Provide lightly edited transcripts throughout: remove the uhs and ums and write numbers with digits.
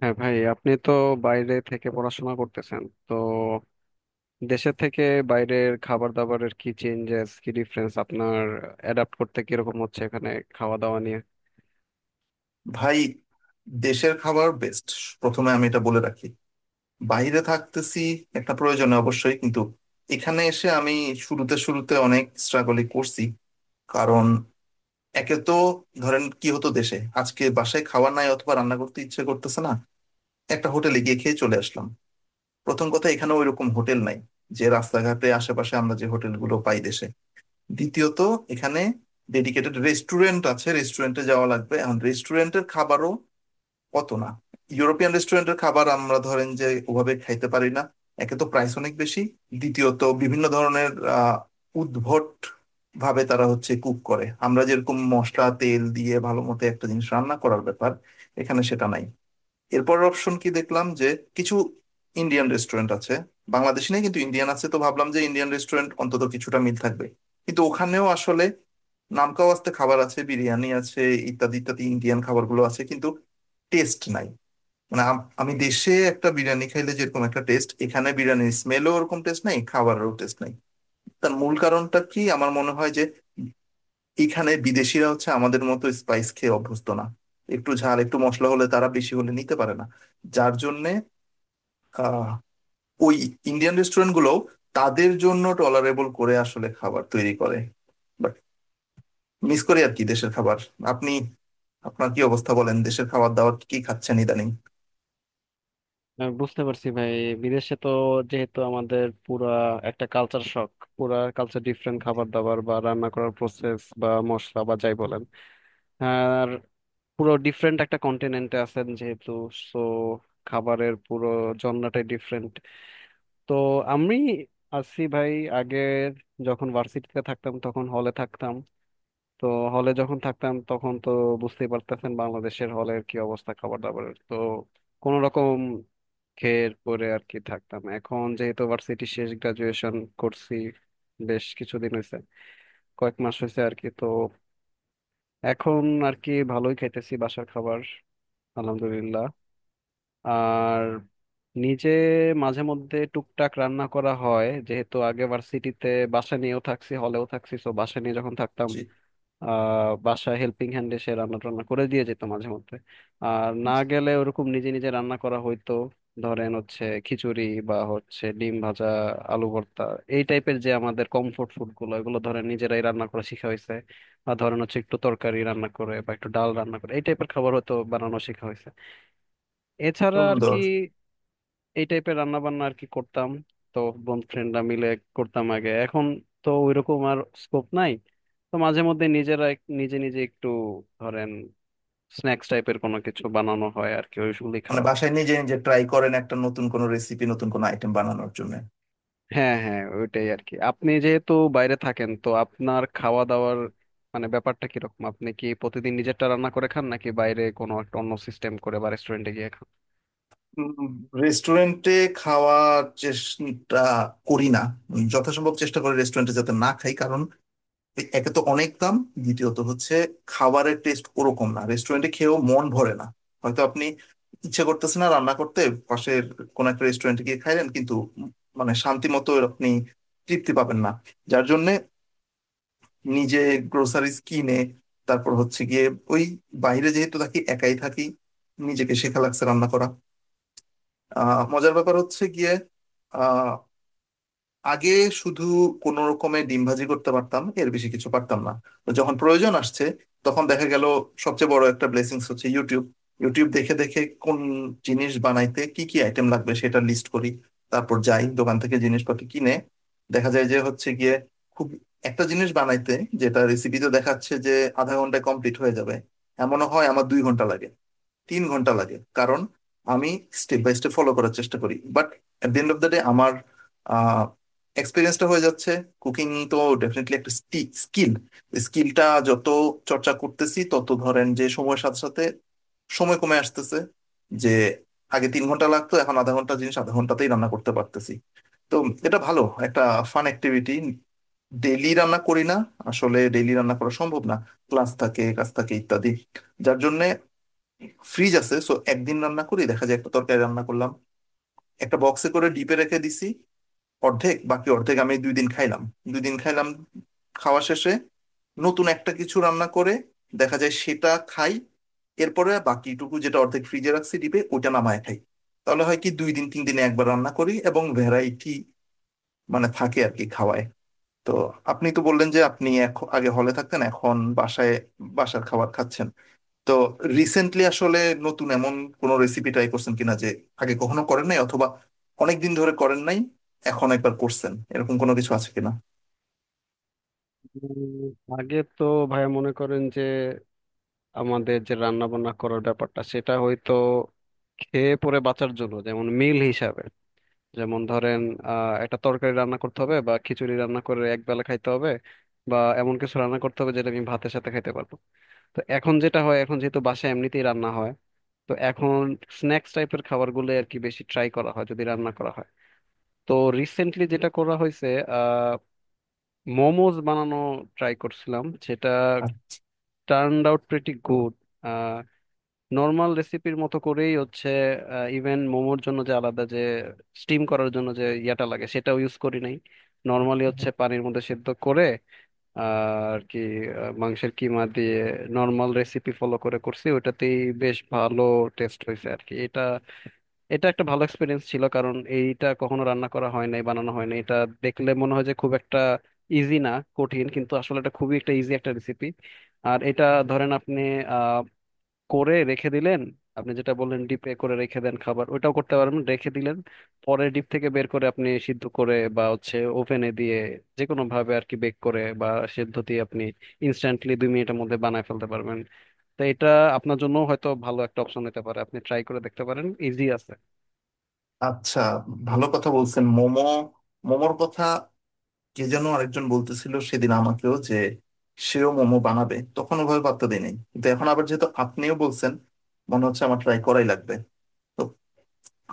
হ্যাঁ ভাই, আপনি তো বাইরে থেকে পড়াশোনা করতেছেন তো, দেশে থেকে বাইরের খাবার দাবারের কি চেঞ্জেস, কি ডিফারেন্স আপনার অ্যাডাপ্ট করতে কিরকম হচ্ছে এখানে খাওয়া দাওয়া নিয়ে? ভাই, দেশের খাবার বেস্ট। প্রথমে আমি এটা বলে রাখি, বাইরে থাকতেছি একটা প্রয়োজনে অবশ্যই, কিন্তু এখানে এসে আমি শুরুতে শুরুতে অনেক স্ট্রাগলই করছি। কারণ একে তো, ধরেন কি হতো, দেশে আজকে বাসায় খাওয়া নাই অথবা রান্না করতে ইচ্ছে করতেছে না, একটা হোটেলে গিয়ে খেয়ে চলে আসলাম। প্রথম কথা, এখানে ওইরকম হোটেল নাই যে রাস্তাঘাটে আশেপাশে আমরা যে হোটেলগুলো পাই দেশে। দ্বিতীয়ত, এখানে ডেডিকেটেড রেস্টুরেন্ট আছে, রেস্টুরেন্টে যাওয়া লাগবে। এখন রেস্টুরেন্টের খাবারও অত না, ইউরোপিয়ান রেস্টুরেন্টের খাবার আমরা ধরেন যে ওভাবে খাইতে পারি না। একে তো প্রাইস অনেক বেশি, দ্বিতীয়ত বিভিন্ন ধরনের আহ, উদ্ভট ভাবে তারা হচ্ছে কুক করে। আমরা যেরকম মশলা তেল দিয়ে ভালো মতো একটা জিনিস রান্না করার ব্যাপার, এখানে সেটা নাই। এরপরের অপশন কি দেখলাম যে, কিছু ইন্ডিয়ান রেস্টুরেন্ট আছে। বাংলাদেশি নেই কিন্তু ইন্ডিয়ান আছে, তো ভাবলাম যে ইন্ডিয়ান রেস্টুরেন্ট অন্তত কিছুটা মিল থাকবে। কিন্তু ওখানেও আসলে নামকাওয়াস্তে খাবার আছে, বিরিয়ানি আছে, ইত্যাদি ইত্যাদি ইন্ডিয়ান খাবারগুলো আছে, কিন্তু টেস্ট নাই। মানে আমি দেশে একটা বিরিয়ানি খাইলে যেরকম একটা টেস্ট, এখানে বিরিয়ানির স্মেলও ওরকম, টেস্ট নাই, খাবারেরও টেস্ট নাই। তার মূল কারণটা কি আমার মনে হয় যে, এখানে বিদেশিরা হচ্ছে আমাদের মতো স্পাইস খেয়ে অভ্যস্ত না। একটু ঝাল একটু মশলা হলে, তারা বেশি হলে নিতে পারে না। যার জন্যে আহ ওই ইন্ডিয়ান রেস্টুরেন্ট গুলো তাদের জন্য টলারেবল করে আসলে খাবার তৈরি করে। বাট মিস করি আর কি দেশের খাবার। আপনি আপনার কি অবস্থা বলেন, দেশের খাবার দাবার কি খাচ্ছেন ইদানিং? বুঝতে পারছি ভাই। বিদেশে তো যেহেতু আমাদের পুরা একটা কালচার শক, পুরা কালচার ডিফারেন্ট, খাবার দাবার বা রান্না করার প্রসেস বা মশলা বা যাই বলেন, আর পুরো ডিফারেন্ট একটা কন্টিনেন্টে আছেন যেহেতু, সো খাবারের পুরো জন্নাটাই ডিফারেন্ট। তো আমি আসি ভাই, আগের, যখন ভার্সিটিতে থাকতাম তখন হলে থাকতাম। তো হলে যখন থাকতাম তখন তো বুঝতেই পারতেছেন বাংলাদেশের হলের কি অবস্থা খাবার দাবারের, তো কোনো রকম খেয়ে পরে আর কি থাকতাম। এখন যেহেতু ভার্সিটি শেষ, গ্রাজুয়েশন করছি, বেশ কিছুদিন হয়েছে, কয়েক মাস হয়েছে আর কি, তো এখন আর কি ভালোই খাইতেছি বাসার খাবার, আলহামদুলিল্লাহ। আর নিজে মাঝে মধ্যে টুকটাক রান্না করা হয়, যেহেতু আগে ভার্সিটিতে বাসা নিয়েও থাকছি, হলেও থাকছি, তো বাসা নিয়ে যখন থাকতাম, জি। বাসা হেল্পিং হ্যান্ড এসে রান্না টান্না করে দিয়ে যেত মাঝে মধ্যে, আর না গেলে ওরকম নিজে নিজে রান্না করা হইতো। ধরেন হচ্ছে খিচুড়ি বা হচ্ছে ডিম ভাজা, আলু ভর্তা, এই টাইপের যে আমাদের কমফোর্ট ফুড গুলো, এগুলো ধরেন নিজেরাই রান্না করা শিখা হয়েছে, বা ধরেন হচ্ছে একটু তরকারি রান্না করে বা একটু ডাল রান্না করে এই টাইপের খাবার হয়তো বানানো শেখা হয়েছে। এছাড়া আর কি সুন্দর। এই টাইপের রান্না বান্না আর কি করতাম। তো বন্ধু ফ্রেন্ডরা মিলে করতাম আগে, এখন তো ওইরকম আর স্কোপ নাই। তো মাঝে মধ্যে নিজেরা নিজে নিজে একটু ধরেন স্ন্যাক্স টাইপের কোনো কিছু বানানো হয় আর কি, ওইগুলি মানে খাওয়া হয়। বাসায় নিজে নিজে ট্রাই করেন একটা নতুন কোনো রেসিপি, নতুন কোনো আইটেম বানানোর জন্য? হ্যাঁ হ্যাঁ, ওইটাই আর কি। আপনি যেহেতু বাইরে থাকেন তো আপনার খাওয়া দাওয়ার মানে ব্যাপারটা কিরকম? আপনি কি প্রতিদিন নিজেরটা রান্না করে খান নাকি বাইরে কোনো একটা অন্য সিস্টেম করে বা রেস্টুরেন্টে গিয়ে খান? রেস্টুরেন্টে খাওয়ার চেষ্টা করি না। যথাসম্ভব চেষ্টা করি রেস্টুরেন্টে যাতে না খাই। কারণ একে তো অনেক দাম, দ্বিতীয়ত হচ্ছে খাবারের টেস্ট ওরকম না। রেস্টুরেন্টে খেয়েও মন ভরে না। হয়তো আপনি ইচ্ছে করতেছে না রান্না করতে, পাশের কোনো একটা রেস্টুরেন্টে গিয়ে খাইলেন, কিন্তু মানে শান্তি মতো আপনি তৃপ্তি পাবেন না। যার জন্য নিজে গ্রোসারিজ কিনে তারপর হচ্ছে গিয়ে ওই, বাইরে যেহেতু থাকি, একাই থাকি, নিজেকে শেখা লাগছে রান্না করা। মজার ব্যাপার হচ্ছে গিয়ে, আহ আগে শুধু কোনো রকমে ডিম ভাজি করতে পারতাম, এর বেশি কিছু পারতাম না। তো যখন প্রয়োজন আসছে, তখন দেখা গেল সবচেয়ে বড় একটা ব্লেসিংস হচ্ছে ইউটিউব। ইউটিউব দেখে দেখে কোন জিনিস বানাইতে কি কি আইটেম লাগবে, সেটা লিস্ট করি। তারপর যাই দোকান থেকে জিনিসপাতি কিনে। দেখা যায় যে হচ্ছে গিয়ে খুব একটা জিনিস বানাইতে, যেটা রেসিপিতে দেখাচ্ছে যে আধা ঘন্টায় কমপ্লিট হয়ে যাবে, এমনও হয় আমার 2 ঘন্টা লাগে, 3 ঘন্টা লাগে। কারণ আমি স্টেপ বাই স্টেপ ফলো করার চেষ্টা করি। But at the end of the day আমার এক্সপিরিয়েন্সটা হয়ে যাচ্ছে, কুকিং তো ডেফিনেটলি একটা স্কিল। স্কিলটা যত চর্চা করতেছি, তত ধরেন যে সময়ের সাথে সাথে সময় কমে আসতেছে। যে আগে 3 ঘন্টা লাগতো, এখন আধা ঘন্টা জিনিস আধা ঘন্টাতেই রান্না করতে পারতেছি। তো এটা ভালো একটা ফান অ্যাক্টিভিটি। ডেইলি রান্না করি না, আসলে ডেইলি রান্না করা সম্ভব না, ক্লাস থাকে কাজ থাকে ইত্যাদি। যার জন্য ফ্রিজ আছে, সো একদিন রান্না করি, দেখা যায় একটা তরকারি রান্না করলাম, একটা বক্সে করে ডিপে রেখে দিছি অর্ধেক, বাকি অর্ধেক আমি 2 দিন খাইলাম। 2 দিন খাইলাম, খাওয়া শেষে নতুন একটা কিছু রান্না করে দেখা যায় সেটা খাই, এরপরে বাকিটুকু যেটা অর্ধেক ফ্রিজে রাখছি ডিপে, ওটা নামায় খাই। তাহলে হয় কি, দুই দিন তিন দিনে একবার রান্না করি এবং ভ্যারাইটি মানে থাকে আর কি খাওয়ায়। তো, আপনি তো বললেন যে আপনি এখন আগে হলে থাকতেন, এখন বাসায় বাসার খাবার খাচ্ছেন। তো রিসেন্টলি আসলে নতুন এমন কোনো রেসিপি ট্রাই করছেন কিনা যে আগে কখনো করেন নাই অথবা অনেক দিন ধরে করেন নাই, এখন একবার করছেন, এরকম কোনো কিছু আছে কিনা? আগে তো, ভাইয়া, মনে করেন যে আমাদের যে রান্না বান্না করার ব্যাপারটা, সেটা হয়তো খেয়ে পরে বাঁচার জন্য, যেমন মিল হিসাবে, যেমন ধরেন একটা তরকারি রান্না করতে হবে বা খিচুড়ি রান্না করে এক বেলা খাইতে হবে, বা এমন কিছু রান্না করতে হবে যেটা আমি ভাতের সাথে খাইতে পারবো। তো এখন যেটা হয়, এখন যেহেতু বাসায় এমনিতেই রান্না হয়, তো এখন স্ন্যাক্স টাইপের খাবারগুলো আর কি বেশি ট্রাই করা হয় যদি রান্না করা হয়। তো রিসেন্টলি যেটা করা হয়েছে, আহ মোমোজ বানানো ট্রাই করছিলাম, সেটা turn out pretty good. Normal রেসিপির মতো করেই হচ্ছে, ইভেন মোমোর জন্য যে আলাদা যে স্টিম করার জন্য যে ইয়াটা লাগে সেটাও ইউজ করি নাই, নর্মালি আচ্ছা হচ্ছে পানির মধ্যে সেদ্ধ করে, আহ, আর কি, মাংসের কিমা দিয়ে নর্মাল রেসিপি ফলো করে করছি ওইটাতেই। বেশ ভালো টেস্ট হয়েছে আর কি এটা। এটা একটা ভালো এক্সপিরিয়েন্স ছিল, কারণ এইটা কখনো রান্না করা হয় নাই, বানানো হয় নাই। এটা দেখলে মনে হয় যে খুব একটা ইজি না, কঠিন, কিন্তু আসলে এটা খুবই একটা ইজি একটা রেসিপি। আর এটা ধরেন আপনি করে রেখে দিলেন, আপনি যেটা বললেন ডিপে করে রেখে দেন খাবার, ওটাও করতে পারেন, রেখে দিলেন, পরে ডিপ থেকে বের করে আপনি সিদ্ধ করে বা হচ্ছে ওভেনে দিয়ে, যে কোনো ভাবে আর কি বেক করে বা সিদ্ধ দিয়ে আপনি ইনস্ট্যান্টলি দুই মিনিটের মধ্যে বানায় ফেলতে পারবেন। তো এটা আপনার জন্য হয়তো ভালো একটা অপশন হতে পারে, আপনি ট্রাই করে দেখতে পারেন, ইজি আছে। আচ্ছা। ভালো কথা বলছেন, মোমো। মোমোর কথা কে যেন আরেকজন বলতেছিল সেদিন আমাকেও, যে সেও মোমো বানাবে। তখন ওভাবে পাত্তা দেয় নাই, কিন্তু এখন আবার যেহেতু আপনিও বলছেন, মনে হচ্ছে আমার ট্রাই করাই লাগবে। তো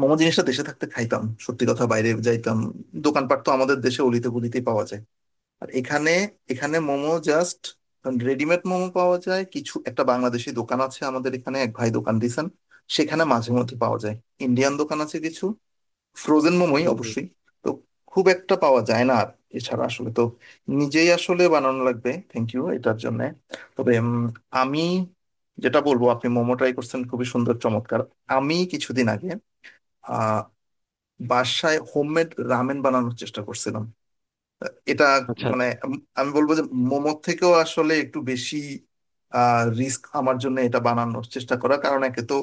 মোমো জিনিসটা দেশে থাকতে খাইতাম, সত্যি কথা, বাইরে যাইতাম, দোকানপাট তো আমাদের দেশে অলিতে গলিতেই পাওয়া যায়। আর এখানে, এখানে মোমো জাস্ট রেডিমেড মোমো পাওয়া যায়। কিছু একটা বাংলাদেশি দোকান আছে আমাদের এখানে, এক ভাই দোকান দিয়েছেন, সেখানে মাঝে মধ্যে পাওয়া যায়। ইন্ডিয়ান দোকান আছে কিছু, ফ্রোজেন মোমোই হুম, হুম। অবশ্যই। তো খুব একটা পাওয়া যায় না। আর এছাড়া আসলে তো নিজেই আসলে বানানো লাগবে। থ্যাংক ইউ এটার জন্য। তবে আমি যেটা বলবো, আপনি মোমো ট্রাই করছেন, খুবই সুন্দর, চমৎকার। আমি কিছুদিন আগে আহ বাসায় হোমমেড রামেন বানানোর চেষ্টা করছিলাম। এটা আচ্ছা মানে আচ্ছা। আমি বলবো যে মোমোর থেকেও আসলে একটু বেশি রিস্ক আমার জন্য এটা বানানোর চেষ্টা করা। কারণ একে তো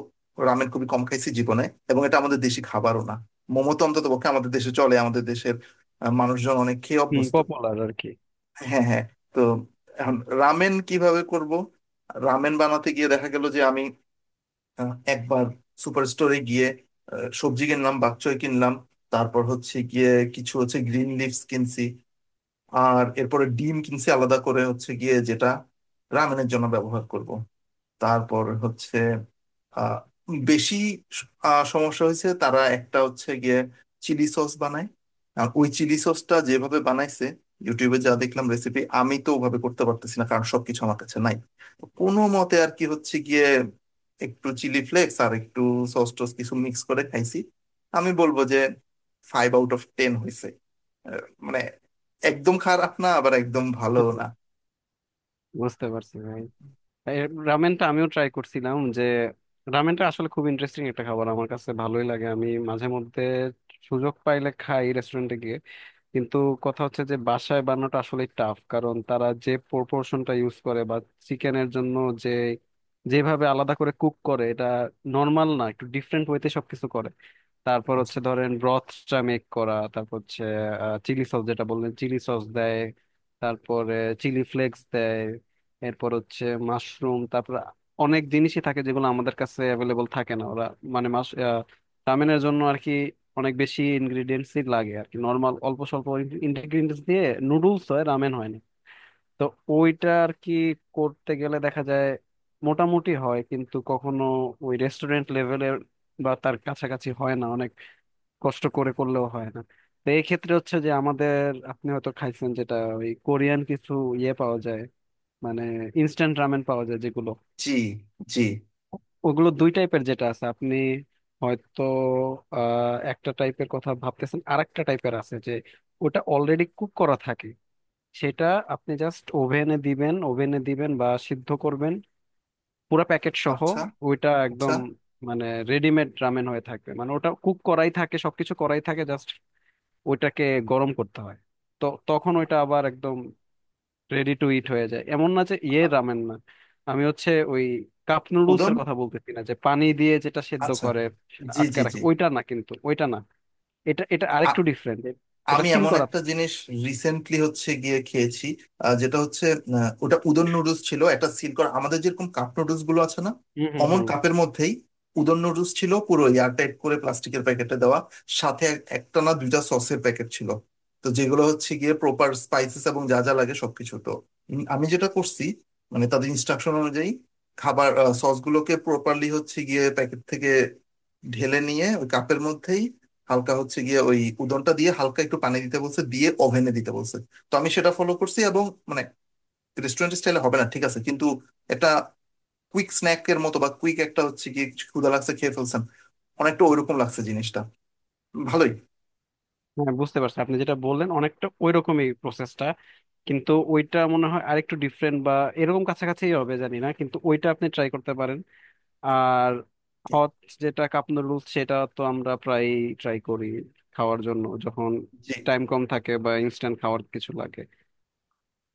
রামেন খুবই কম খাইছি জীবনে, এবং এটা আমাদের দেশি খাবারও না। মোমো তো অন্তত পক্ষে আমাদের দেশে চলে, আমাদের দেশের মানুষজন অনেক খেয়ে হুম, অভ্যস্ত। পপুলার আর কি। হ্যাঁ হ্যাঁ। তো এখন রামেন কিভাবে করব। রামেন বানাতে গিয়ে দেখা গেল যে আমি একবার সুপার স্টোরে গিয়ে সবজি কিনলাম, বাকচয় কিনলাম, তারপর হচ্ছে গিয়ে কিছু হচ্ছে গ্রিন লিভস কিনছি। আর এরপরে ডিম কিনছি আলাদা করে হচ্ছে গিয়ে, যেটা রামেনের জন্য ব্যবহার করব। তারপর হচ্ছে আহ বেশি সমস্যা হয়েছে। তারা একটা হচ্ছে গিয়ে চিলি সস বানায়, আর ওই চিলি সসটা যেভাবে বানাইছে ইউটিউবে যা দেখলাম রেসিপি, আমি তো ওভাবে করতে পারতেছি না, কারণ সবকিছু আমার কাছে নাই। তো কোনো মতে আর কি হচ্ছে গিয়ে একটু চিলি ফ্লেক্স আর একটু সস টস কিছু মিক্স করে খাইছি। আমি বলবো যে 5 আউট অফ 10 হয়েছে। আহ, মানে একদম খারাপ না, আবার একদম ভালো হুম, হুম। না। বুঝতে পারছি ভাই। এই রামেনটা আমিও ট্রাই করছিলাম, যে রামেনটা আসলে খুব ইন্টারেস্টিং একটা খাবার, আমার কাছে ভালোই লাগে, আমি মাঝে মধ্যে সুযোগ পাইলে খাই রেস্টুরেন্টে গিয়ে। কিন্তু কথা হচ্ছে যে বাসায় বানানোটা আসলে টাফ, কারণ তারা যে প্রপোর্শনটা ইউজ করে, বা চিকেনের জন্য যে, যেভাবে আলাদা করে কুক করে, এটা নর্মাল না, একটু ডিফারেন্ট ওয়েতে সবকিছু করে। তারপর আচ্ছা। হচ্ছে ধরেন ব্রথটা মেক করা, তারপর হচ্ছে চিলি সস, যেটা বললেন চিলি সস দেয়, তারপরে চিলি ফ্লেক্স দেয়, এরপর হচ্ছে মাশরুম, তারপর অনেক জিনিসই থাকে যেগুলো আমাদের কাছে অ্যাভেলেবল থাকে না। ওরা, মানে রামেনের জন্য আর কি অনেক বেশি ইনগ্রিডিয়েন্টসই লাগে আর কি, নর্মাল অল্প স্বল্প ইনগ্রিডিয়েন্টস দিয়ে নুডলস হয়, রামেন হয় না। তো ওইটা আর কি করতে গেলে দেখা যায় মোটামুটি হয়, কিন্তু কখনো ওই রেস্টুরেন্ট লেভেলের বা তার কাছাকাছি হয় না, অনেক কষ্ট করে করলেও হয় না। তো এই ক্ষেত্রে হচ্ছে যে আমাদের, আপনি হয়তো খাইছেন যেটা, ওই কোরিয়ান কিছু ইয়ে পাওয়া যায়, মানে ইনস্ট্যান্ট রামেন পাওয়া যায় যেগুলো, জি জি। ওগুলো দুই টাইপের যেটা আছে, আপনি হয়তো একটা টাইপের কথা ভাবতেছেন, আরেকটা টাইপের আছে যে ওটা অলরেডি কুক করা থাকে, সেটা আপনি জাস্ট ওভেনে দিবেন, ওভেনে দিবেন বা সিদ্ধ করবেন পুরো প্যাকেট সহ। আচ্ছা ওইটা একদম, আচ্ছা। মানে রেডিমেড রামেন হয়ে থাকবে, মানে ওটা কুক করাই থাকে, সবকিছু করাই থাকে, জাস্ট ওইটাকে গরম করতে হয়। তো তখন ওইটা আবার একদম রেডি টু ইট হয়ে যায়, এমন না যে ইয়ে আ- রামেন না। আমি হচ্ছে ওই কাপ নুডলস উদম। এর কথা বলতেছি না, যে পানি দিয়ে যেটা সেদ্ধ আচ্ছা। করে জি আটকে জি জি। রাখে ওইটা না, কিন্তু ওইটা না, এটা এটা আরেকটু ডিফারেন্ট, এটা আমি সিল এমন করা। একটা জিনিস রিসেন্টলি হচ্ছে গিয়ে খেয়েছি, যেটা হচ্ছে ওটা উদন নুডলস ছিল, একটা সিল করা, আমাদের যেরকম কাপ নুডলস গুলো আছে না, হুম হুম অমন হুম। কাপের মধ্যেই উদন নুডলস ছিল, পুরো এয়ারটাইট করে প্লাস্টিকের প্যাকেটে দেওয়া। সাথে একটা না দুইটা সসের প্যাকেট ছিল। তো যেগুলো হচ্ছে গিয়ে প্রপার স্পাইসেস এবং যা যা লাগে সবকিছু। তো আমি যেটা করছি, মানে তাদের ইনস্ট্রাকশন অনুযায়ী খাবার সসগুলোকে প্রপারলি হচ্ছে গিয়ে প্যাকেট থেকে ঢেলে নিয়ে ওই কাপের মধ্যেই, হালকা হচ্ছে গিয়ে ওই উদনটা দিয়ে, হালকা একটু পানি দিতে বলছে, দিয়ে ওভেনে দিতে বলছে। তো আমি সেটা ফলো করছি, এবং মানে রেস্টুরেন্ট স্টাইলে হবে না ঠিক আছে, কিন্তু একটা কুইক স্ন্যাক এর মতো বা কুইক একটা হচ্ছে গিয়ে কিছু ক্ষুধা লাগছে খেয়ে ফেলছেন, অনেকটা ওইরকম লাগছে জিনিসটা। ভালোই। হ্যাঁ বুঝতে পারছি, আপনি যেটা বললেন অনেকটা ওইরকমই প্রসেসটা, কিন্তু ওইটা মনে হয় আরেকটু ডিফারেন্ট বা এরকম কাছাকাছি হবে জানি না, কিন্তু ওইটা আপনি ট্রাই করতে পারেন। আর হট, যেটা কাপ নুডলস, সেটা তো আমরা প্রায় ট্রাই করি খাওয়ার জন্য, যখন জি টাইম কম থাকে বা ইনস্ট্যান্ট খাওয়ার কিছু লাগে।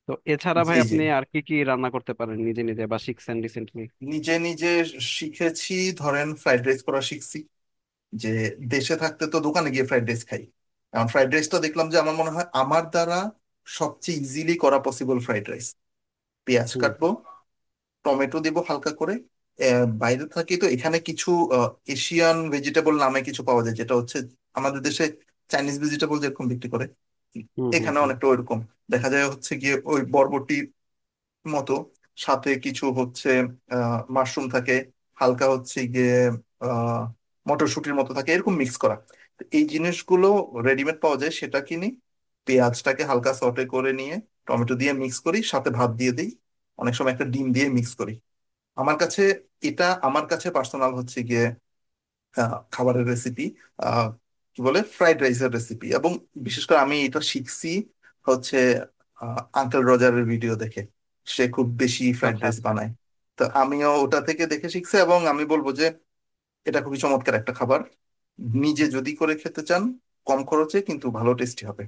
তো এছাড়া ভাই জি জি। আপনি আর কি কি রান্না করতে পারেন নিজে নিজে বা শিখছেন রিসেন্টলি? নিজে নিজে শিখেছি, ধরেন ফ্রাইড রাইস করা শিখছি। যে দেশে থাকতে তো দোকানে গিয়ে ফ্রাইড রাইস খাই, এখন ফ্রাইড রাইসটা দেখলাম যে আমার মনে হয় আমার দ্বারা সবচেয়ে ইজিলি করা পসিবল ফ্রাইড রাইস। পেঁয়াজ হুম কাটবো, টমেটো দেবো হালকা করে। বাইরে থাকি তো এখানে কিছু এশিয়ান ভেজিটেবল নামে কিছু পাওয়া যায়, যেটা হচ্ছে আমাদের দেশে চাইনিজ ভেজিটেবল যেরকম বিক্রি করে, হুম হুম। এখানে হুম। অনেকটা ওইরকম। দেখা যায় হচ্ছে গিয়ে ওই বরবটির মতো, সাথে কিছু হচ্ছে মাশরুম থাকে, হালকা হচ্ছে গিয়ে আহ মটরশুঁটির মতো থাকে, এরকম মিক্স করা। তো এই জিনিসগুলো রেডিমেড পাওয়া যায়, সেটা কিনি, পেঁয়াজটাকে হালকা সটে করে নিয়ে টমেটো দিয়ে মিক্স করি, সাথে ভাত দিয়ে দিই, অনেক সময় একটা ডিম দিয়ে মিক্স করি। আমার কাছে এটা আমার কাছে পার্সোনাল হচ্ছে গিয়ে খাবারের রেসিপি, আহ কি বলে ফ্রাইড রাইসের রেসিপি। এবং বিশেষ করে আমি এটা শিখছি হচ্ছে আঙ্কেল রোজারের ভিডিও দেখে, সে খুব বেশি ফ্রাইড আচ্ছা রাইস আচ্ছা। বানায়। তো আমিও ওটা থেকে দেখে শিখছি, এবং আমি বলবো যে এটা খুবই চমৎকার একটা খাবার। নিজে যদি করে খেতে চান কম খরচে কিন্তু ভালো টেস্টি হবে,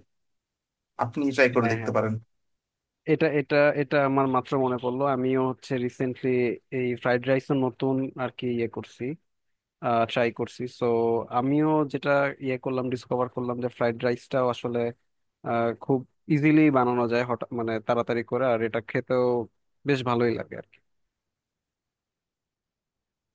আপনি ট্রাই করে হ্যাঁ দেখতে হ্যাঁ। পারেন এটা এটা এটা আমার মাত্র মনে পড়লো, আমিও হচ্ছে রিসেন্টলি এই ফ্রাইড রাইস নতুন আর কি ইয়ে করছি, ট্রাই করছি, সো আমিও যেটা ইয়ে করলাম, ডিসকভার করলাম, যে ফ্রাইড রাইসটাও আসলে খুব ইজিলি বানানো যায় হঠাৎ, মানে তাড়াতাড়ি করে, আর এটা খেতেও বেশ ভালোই লাগে আর কি।